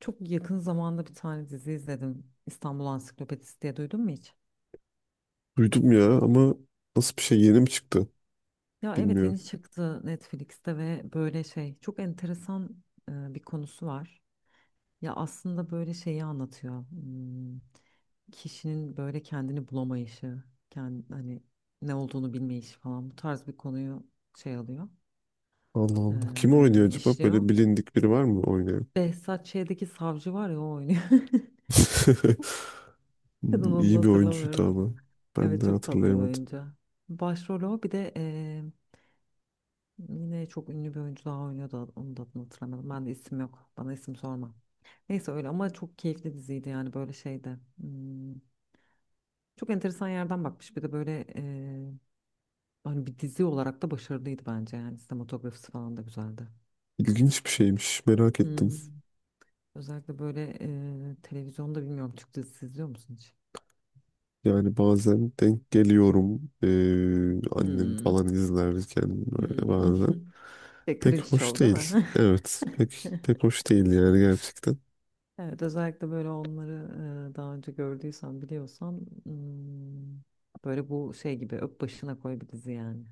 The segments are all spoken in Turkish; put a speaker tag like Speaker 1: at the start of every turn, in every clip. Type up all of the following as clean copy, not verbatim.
Speaker 1: Çok yakın zamanda bir tane dizi izledim. İstanbul Ansiklopedisi diye duydun mu hiç?
Speaker 2: Duydum ya ama nasıl bir şey yeni mi çıktı
Speaker 1: Ya evet
Speaker 2: bilmiyorum.
Speaker 1: yeni çıktı Netflix'te ve böyle şey çok enteresan bir konusu var. Ya aslında böyle şeyi anlatıyor. Hmm, kişinin böyle kendini bulamayışı, kendi, hani ne olduğunu bilmeyişi falan bu tarz bir konuyu şey alıyor,
Speaker 2: Allah Allah. Kim oynuyor acaba?
Speaker 1: işliyor.
Speaker 2: Böyle bilindik biri var mı oynayan?
Speaker 1: Behzat Ç'deki savcı var ya o oynuyor. Kadın onu
Speaker 2: İyi bir oyuncuydu
Speaker 1: hatırlamıyorum.
Speaker 2: ama ben
Speaker 1: Evet
Speaker 2: de
Speaker 1: çok tatlı bir
Speaker 2: hatırlayamadım.
Speaker 1: oyuncu. Başrolü o bir de yine çok ünlü bir oyuncu daha oynuyordu. Onu da adını hatırlamadım. Ben de isim yok. Bana isim sorma. Neyse öyle ama çok keyifli diziydi yani böyle şeyde. Hmm, çok enteresan yerden bakmış. Bir de böyle hani bir dizi olarak da başarılıydı bence yani. Sinematografisi falan da güzeldi.
Speaker 2: İlginç bir şeymiş merak ettim.
Speaker 1: Hmm. Özellikle böyle televizyonda bilmiyorum Türk dizisi izliyor musun hiç?
Speaker 2: Yani bazen denk geliyorum annem
Speaker 1: Hmm.
Speaker 2: falan izlerken böyle
Speaker 1: Hmm.
Speaker 2: bazen.
Speaker 1: Şey,
Speaker 2: Pek
Speaker 1: cringe
Speaker 2: hoş
Speaker 1: show değil
Speaker 2: değil.
Speaker 1: mi?
Speaker 2: Evet, pek pek hoş değil yani gerçekten.
Speaker 1: Evet, özellikle böyle onları daha önce gördüysen biliyorsan hmm, böyle bu şey gibi öp başına koy bir dizi yani.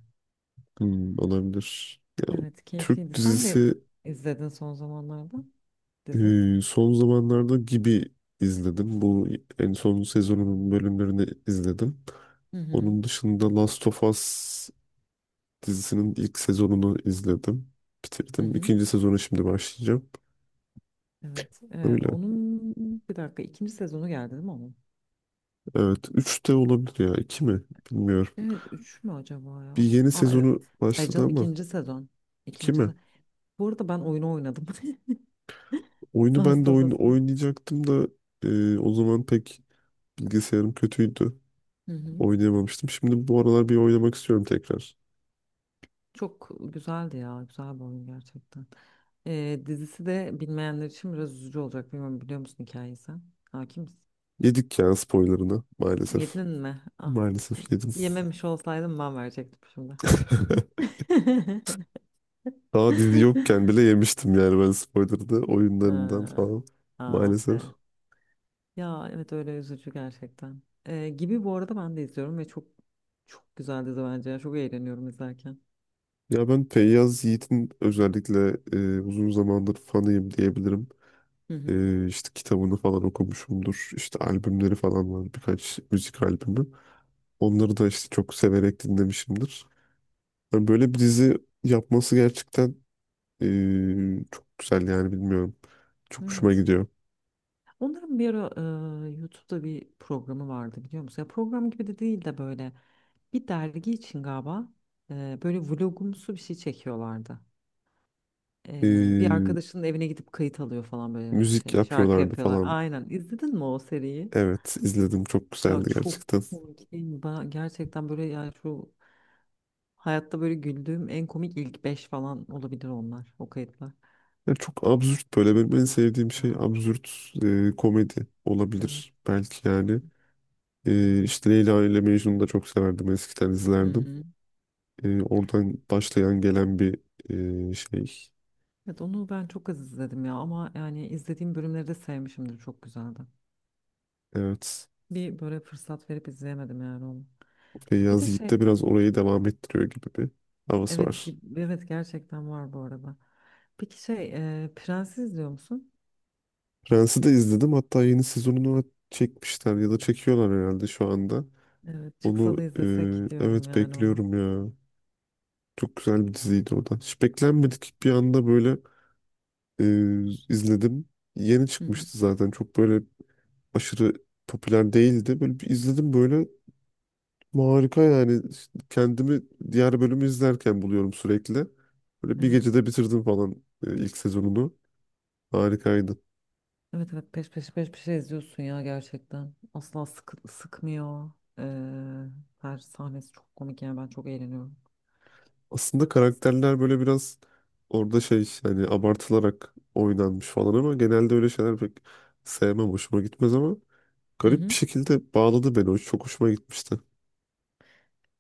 Speaker 2: Hmm, olabilir. Ya,
Speaker 1: Evet
Speaker 2: Türk
Speaker 1: keyifliydi. Sen de
Speaker 2: dizisi.
Speaker 1: izledin son zamanlarda dizi.
Speaker 2: Son zamanlarda gibi izledim. Bu en son sezonunun bölümlerini izledim.
Speaker 1: Hı hı.
Speaker 2: Onun dışında Last of Us dizisinin ilk sezonunu izledim.
Speaker 1: Hı
Speaker 2: Bitirdim.
Speaker 1: hı.
Speaker 2: İkinci sezonu şimdi başlayacağım.
Speaker 1: Evet.
Speaker 2: Öyle.
Speaker 1: Onun bir dakika ikinci sezonu geldi değil mi onun?
Speaker 2: Evet. Üç de olabilir ya. İki mi? Bilmiyorum.
Speaker 1: Evet üç mü acaba
Speaker 2: Bir
Speaker 1: ya?
Speaker 2: yeni
Speaker 1: Aa evet.
Speaker 2: sezonu
Speaker 1: Hayır
Speaker 2: başladı
Speaker 1: canım
Speaker 2: ama
Speaker 1: ikinci sezon.
Speaker 2: iki
Speaker 1: İkinci
Speaker 2: mi?
Speaker 1: sezon. Bu arada ben oyunu oynadım.
Speaker 2: Oyunu ben
Speaker 1: Last
Speaker 2: de
Speaker 1: of
Speaker 2: oyun
Speaker 1: Us'ın.
Speaker 2: oynayacaktım da o zaman pek bilgisayarım kötüydü.
Speaker 1: Hı hı.
Speaker 2: Oynayamamıştım. Şimdi bu aralar bir oynamak istiyorum tekrar.
Speaker 1: Çok güzeldi ya. Güzel bir oyun gerçekten. Dizisi de bilmeyenler için biraz üzücü olacak. Bilmiyorum biliyor musun hikayeyi sen? Hakim misin?
Speaker 2: Yedik ya spoilerını maalesef.
Speaker 1: Yedin mi? Ah.
Speaker 2: Maalesef yedim.
Speaker 1: Yememiş olsaydım ben verecektim şimdi.
Speaker 2: Daha dizi yokken bile yemiştim yani ben spoiler'da oyunlarından
Speaker 1: Ha,
Speaker 2: falan.
Speaker 1: ah
Speaker 2: Maalesef.
Speaker 1: be. Ya evet öyle üzücü gerçekten. Gibi bu arada ben de izliyorum ve çok çok güzel dizi bence. Ya. Çok eğleniyorum izlerken.
Speaker 2: Ya, ben Feyyaz Yiğit'in özellikle uzun zamandır fanıyım diyebilirim.
Speaker 1: Hı hı.
Speaker 2: İşte kitabını falan okumuşumdur. İşte albümleri falan var birkaç müzik albümü. Onları da işte çok severek dinlemişimdir. Yani böyle bir dizi yapması gerçekten e, çok güzel yani bilmiyorum. Çok hoşuma
Speaker 1: Evet.
Speaker 2: gidiyor.
Speaker 1: Onların bir ara YouTube'da bir programı vardı biliyor musun? Ya program gibi de değil de böyle. Bir dergi için galiba böyle vlogumsu bir şey çekiyorlardı. Bir
Speaker 2: E,
Speaker 1: arkadaşının evine gidip kayıt alıyor falan böyle
Speaker 2: Müzik
Speaker 1: şey şarkı
Speaker 2: yapıyorlardı
Speaker 1: yapıyorlar.
Speaker 2: falan.
Speaker 1: Aynen izledin mi o seriyi?
Speaker 2: Evet, izledim çok
Speaker 1: Ya
Speaker 2: güzeldi
Speaker 1: çok
Speaker 2: gerçekten.
Speaker 1: komik değil mi? Ben gerçekten böyle yani şu hayatta böyle güldüğüm en komik ilk 5 falan olabilir onlar o kayıtlar.
Speaker 2: Ya, çok absürt böyle benim en
Speaker 1: Eğlenmiş
Speaker 2: sevdiğim
Speaker 1: ya.
Speaker 2: şey absürt komedi
Speaker 1: Evet.
Speaker 2: olabilir belki yani. İşte Leyla ile Mecnun'u da çok severdim eskiden
Speaker 1: Hı
Speaker 2: izlerdim.
Speaker 1: hı.
Speaker 2: Oradan başlayan gelen bir şey.
Speaker 1: Evet onu ben çok az izledim ya ama yani izlediğim bölümleri de sevmişimdir çok güzeldi.
Speaker 2: Evet,
Speaker 1: Bir böyle fırsat verip izleyemedim yani onu. Bir de
Speaker 2: Feyyaz Yiğit
Speaker 1: şey
Speaker 2: de biraz orayı devam ettiriyor gibi bir havası
Speaker 1: evet
Speaker 2: var.
Speaker 1: ki evet gerçekten var bu arada. Peki şey Prens'i izliyor musun?
Speaker 2: Prens'i de izledim hatta yeni sezonunu çekmişler ya da çekiyorlar herhalde şu anda.
Speaker 1: Evet,
Speaker 2: Onu,
Speaker 1: çıksa da izlesek diyorum
Speaker 2: evet,
Speaker 1: yani ona.
Speaker 2: bekliyorum ya. Çok güzel bir diziydi o da. Hiç beklenmedik bir anda böyle e, izledim. Yeni
Speaker 1: Hı hı.
Speaker 2: çıkmıştı zaten. Çok böyle aşırı popüler değildi. Böyle bir izledim böyle harika yani. İşte kendimi diğer bölümü izlerken buluyorum sürekli. Böyle bir
Speaker 1: Evet.
Speaker 2: gecede bitirdim falan ilk sezonunu. Harikaydı.
Speaker 1: Evet evet peş peşe peş peşe izliyorsun ya gerçekten. Asla sıkmıyor. Ee, Her sahnesi çok komik yani ben çok eğleniyorum.
Speaker 2: Aslında karakterler böyle biraz orada şey hani abartılarak oynanmış falan ama genelde öyle şeyler pek sevmem. Hoşuma gitmez ama
Speaker 1: Hı
Speaker 2: garip bir
Speaker 1: hı.
Speaker 2: şekilde bağladı beni. O çok hoşuma gitmişti.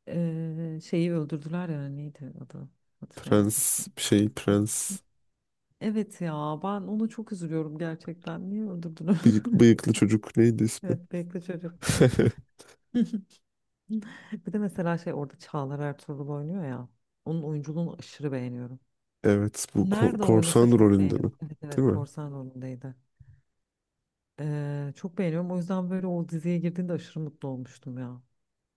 Speaker 1: Şeyi öldürdüler ya neydi adı? Hatırlayamadım
Speaker 2: Prens
Speaker 1: şimdi.
Speaker 2: bir şey
Speaker 1: Hı.
Speaker 2: prens
Speaker 1: Evet ya ben onu çok üzülüyorum gerçekten. Niye öldürdüler?
Speaker 2: bıyıklı çocuk neydi ismi?
Speaker 1: Evet bekle çocuk. Bir de mesela şey orada Çağlar Ertuğrul oynuyor ya. Onun oyunculuğunu aşırı beğeniyorum.
Speaker 2: Evet, bu
Speaker 1: Nerede oynasa
Speaker 2: korsan
Speaker 1: çok
Speaker 2: rolünde mi?
Speaker 1: beğeniyorum. Evet evet
Speaker 2: Değil mi?
Speaker 1: korsan rolündeydi. Çok beğeniyorum. O yüzden böyle o diziye girdiğinde aşırı mutlu olmuştum ya.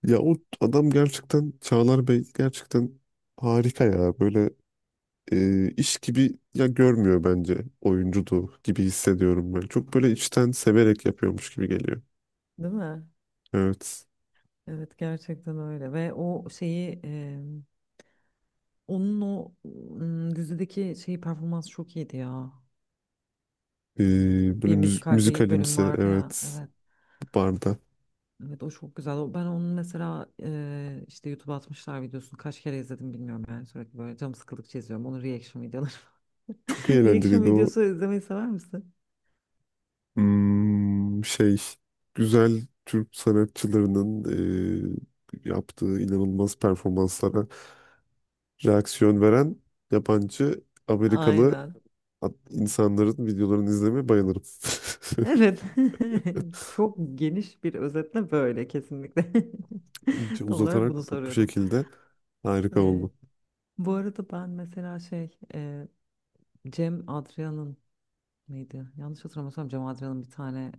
Speaker 2: Ya o adam gerçekten Çağlar Bey gerçekten harika ya. Böyle iş gibi ya görmüyor bence, oyunculuğu gibi hissediyorum ben. Çok böyle içten severek yapıyormuş gibi geliyor.
Speaker 1: Değil mi?
Speaker 2: Evet.
Speaker 1: Evet gerçekten öyle. Ve o şeyi onun o dizideki şeyi performans çok iyiydi ya.
Speaker 2: E,
Speaker 1: Hmm,
Speaker 2: Böyle
Speaker 1: bir müzikal bir bölüm
Speaker 2: müzikalimsi,
Speaker 1: vardı ya.
Speaker 2: evet,
Speaker 1: Evet.
Speaker 2: barda.
Speaker 1: Evet o çok güzel. O- Ben onun mesela işte YouTube'a atmışlar videosunu kaç kere izledim bilmiyorum yani sürekli böyle canım sıkıldıkça izliyorum. Onun reaction videoları.
Speaker 2: Çok
Speaker 1: Reaction
Speaker 2: eğlenceliydi o.
Speaker 1: videosu izlemeyi sever misin?
Speaker 2: Şey, güzel Türk sanatçılarının yaptığı inanılmaz performanslara reaksiyon veren yabancı Amerikalı
Speaker 1: Aynen.
Speaker 2: insanların videolarını izlemeye bayılırım.
Speaker 1: Evet. Çok geniş bir özetle böyle kesinlikle.
Speaker 2: İnce
Speaker 1: Tam olarak bunu
Speaker 2: uzatarak bu
Speaker 1: soruyordum.
Speaker 2: şekilde harika
Speaker 1: E,
Speaker 2: oldu.
Speaker 1: Bu arada ben mesela şey Cem Adrian'ın neydi? Yanlış hatırlamıyorsam Cem Adrian'ın bir tane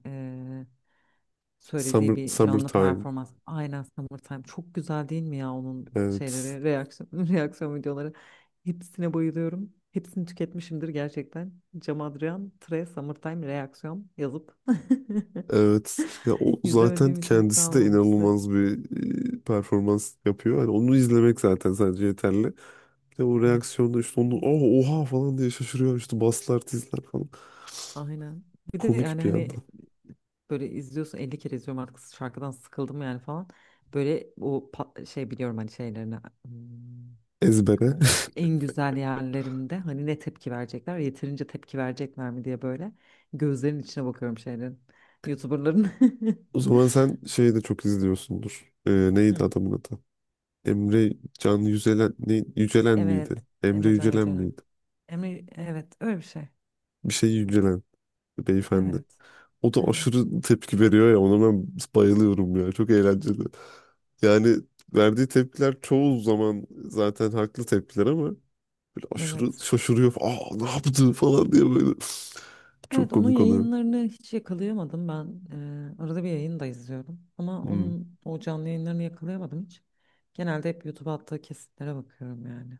Speaker 1: söylediği bir canlı
Speaker 2: Summertime.
Speaker 1: performans. Aynen Summertime. Çok güzel değil mi ya onun
Speaker 2: Evet.
Speaker 1: şeyleri, reaksiyon, reaksiyon videoları. Hepsine bayılıyorum. Hepsini tüketmişimdir gerçekten. Cem Adrian, Tre, Summertime, reaksiyon yazıp
Speaker 2: Evet. Ya o zaten
Speaker 1: izlemediğim içerik
Speaker 2: kendisi de
Speaker 1: kalmamıştır.
Speaker 2: inanılmaz bir performans yapıyor. Hani onu izlemek zaten sadece yeterli. De o
Speaker 1: Evet.
Speaker 2: reaksiyonda işte onu "Aa, oha" falan diye şaşırıyor, işte baslar tizler falan.
Speaker 1: Aynen. Bir de
Speaker 2: Komik
Speaker 1: yani
Speaker 2: bir
Speaker 1: hani
Speaker 2: yandan.
Speaker 1: böyle izliyorsun 50 kere izliyorum artık şarkıdan sıkıldım yani falan. Böyle o şey biliyorum hani şeylerini. Hmm,
Speaker 2: Ezbere.
Speaker 1: o en güzel yerlerinde hani ne tepki verecekler yeterince tepki verecekler mi diye böyle gözlerin içine bakıyorum şeylerin YouTuber'ların.
Speaker 2: O zaman sen şeyi de çok izliyorsundur. Neydi
Speaker 1: Hı.
Speaker 2: adamın adı? Emre Can Yücelen, ne, Yücelen miydi?
Speaker 1: Evet
Speaker 2: Emre
Speaker 1: Emrecan
Speaker 2: Yücelen
Speaker 1: Yücelen.
Speaker 2: miydi?
Speaker 1: Emre evet öyle bir şey.
Speaker 2: Bir şey Yücelen beyefendi.
Speaker 1: Evet
Speaker 2: O da
Speaker 1: evet
Speaker 2: aşırı tepki veriyor ya, ona ben bayılıyorum ya. Çok eğlenceli. Yani verdiği tepkiler çoğu zaman zaten haklı tepkiler ama böyle aşırı
Speaker 1: evet.
Speaker 2: şaşırıyor. Aa, ne yaptı falan diye böyle. Çok
Speaker 1: Evet onun
Speaker 2: komik oluyor.
Speaker 1: yayınlarını hiç yakalayamadım ben. Arada bir yayını da izliyorum ama
Speaker 2: Hmm,
Speaker 1: onun o canlı yayınlarını yakalayamadım hiç. Genelde hep YouTube'a attığı kesitlere bakıyorum yani.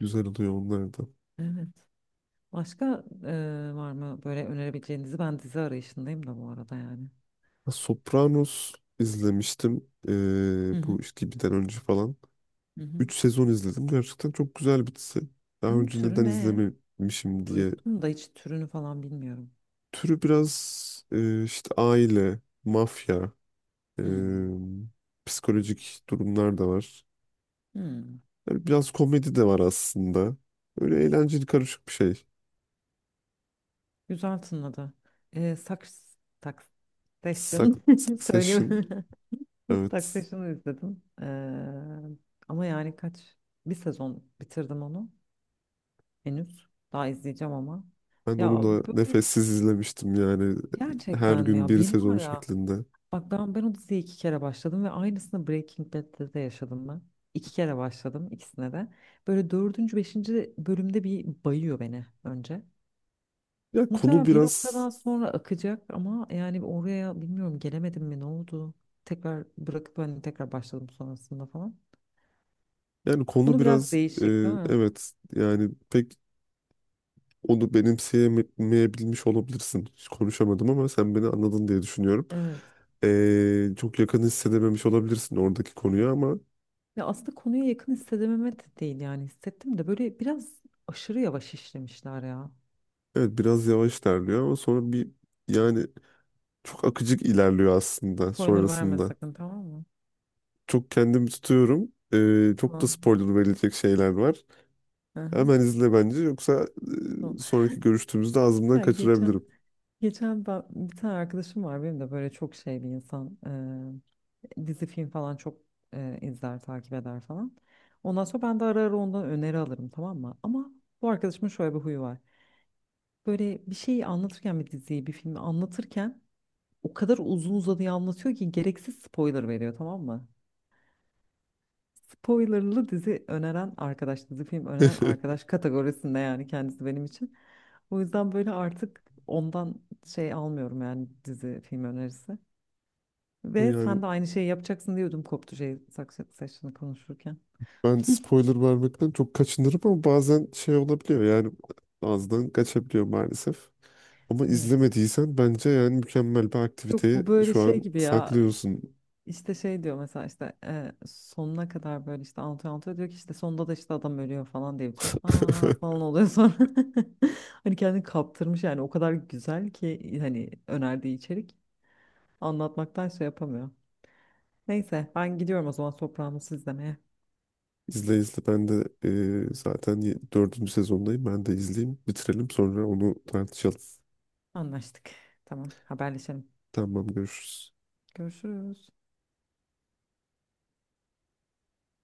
Speaker 2: Güzel oluyor onlar da.
Speaker 1: Evet. Başka var mı böyle önerebileceğinizi ben dizi arayışındayım da bu arada yani.
Speaker 2: Ha, Sopranos izlemiştim.
Speaker 1: Hı hı.
Speaker 2: Bu işte gibiden önce falan.
Speaker 1: Hı hı.
Speaker 2: 3 sezon izledim. Gerçekten çok güzel bir dizi. Daha
Speaker 1: Onun
Speaker 2: önce neden
Speaker 1: türü ne?
Speaker 2: izlememişim diye.
Speaker 1: Duydum da hiç türünü falan bilmiyorum.
Speaker 2: Türü biraz işte aile, mafya, e,
Speaker 1: Hmm.
Speaker 2: psikolojik durumlar da var.
Speaker 1: Hmm.
Speaker 2: Yani biraz komedi de var aslında. Öyle eğlenceli karışık bir şey.
Speaker 1: Güzel tınladı. E, Saks, Taxation söyleyeyim.
Speaker 2: Succession. Evet.
Speaker 1: Taxation'ı izledim. Ama yani kaç? Bir sezon bitirdim onu henüz. Daha izleyeceğim ama.
Speaker 2: Ben onu
Speaker 1: Ya
Speaker 2: da
Speaker 1: bu-
Speaker 2: nefessiz izlemiştim yani her
Speaker 1: gerçekten mi
Speaker 2: gün
Speaker 1: ya?
Speaker 2: bir
Speaker 1: Beni var
Speaker 2: sezon
Speaker 1: ya
Speaker 2: şeklinde.
Speaker 1: bak ben o diziye iki kere başladım ve aynısını Breaking Bad'de de yaşadım ben. İki kere başladım ikisine de. Böyle dördüncü, beşinci bölümde bir bayıyor beni önce.
Speaker 2: Ya, konu
Speaker 1: Muhtemelen bir
Speaker 2: biraz,
Speaker 1: noktadan sonra akacak ama yani oraya bilmiyorum gelemedim mi ne oldu? Tekrar bırakıp hani tekrar başladım sonrasında falan.
Speaker 2: yani konu
Speaker 1: Konu biraz
Speaker 2: biraz e,
Speaker 1: değişik değil mi?
Speaker 2: evet, yani pek onu benimseyemeyebilmiş olabilirsin. Hiç konuşamadım ama sen beni anladın diye düşünüyorum.
Speaker 1: Evet.
Speaker 2: Çok yakın hissedememiş olabilirsin oradaki konuya ama
Speaker 1: Ya aslında konuya yakın hissedememe de değil yani hissettim de böyle biraz aşırı yavaş işlemişler ya.
Speaker 2: evet, biraz yavaş ilerliyor ama sonra bir, yani çok akıcık ilerliyor aslında
Speaker 1: Spoiler verme
Speaker 2: sonrasında.
Speaker 1: sakın tamam mı?
Speaker 2: Çok kendimi tutuyorum. Çok da
Speaker 1: Tamam.
Speaker 2: spoiler verilecek şeyler var.
Speaker 1: Hı
Speaker 2: Hemen izle bence, yoksa
Speaker 1: hı.
Speaker 2: sonraki görüştüğümüzde ağzımdan
Speaker 1: Ya geçen
Speaker 2: kaçırabilirim.
Speaker 1: bir tane arkadaşım var benim de böyle çok şey bir insan dizi film falan çok izler takip eder falan. Ondan sonra ben de ara ara ondan öneri alırım tamam mı? Ama bu arkadaşımın şöyle bir huyu var. Böyle bir şeyi anlatırken bir diziyi bir filmi anlatırken o kadar uzun uzadıya anlatıyor ki gereksiz spoiler veriyor tamam mı? Spoilerlı dizi öneren arkadaş, dizi film öneren arkadaş kategorisinde yani kendisi benim için. O yüzden böyle artık ondan şey almıyorum yani dizi film önerisi.
Speaker 2: Ama
Speaker 1: Ve
Speaker 2: yani
Speaker 1: sen de aynı şeyi yapacaksın diyordum koptu şey Succession'ı konuşurken.
Speaker 2: ben spoiler vermekten çok kaçınırım ama bazen şey olabiliyor, yani ağızdan kaçabiliyor maalesef. Ama
Speaker 1: Evet.
Speaker 2: izlemediysen bence yani mükemmel bir
Speaker 1: Yok
Speaker 2: aktiviteyi
Speaker 1: bu böyle
Speaker 2: şu
Speaker 1: şey
Speaker 2: an
Speaker 1: gibi ya işte,
Speaker 2: saklıyorsun.
Speaker 1: işte şey diyor mesela işte sonuna kadar böyle işte anlatıyor anlatıyor diyor ki işte sonunda da işte adam ölüyor falan diye bitiriyor. Aa falan oluyor sonra. Hani kendini kaptırmış yani o kadar güzel ki hani önerdiği içerik. Anlatmaktansa yapamıyor. Neyse ben gidiyorum o zaman toprağımı izlemeye.
Speaker 2: İzle, izle, ben de zaten dördüncü sezondayım, ben de izleyeyim, bitirelim, sonra onu tartışalım.
Speaker 1: Anlaştık. Tamam haberleşelim.
Speaker 2: Tamam, görüşürüz.
Speaker 1: Görüşürüz.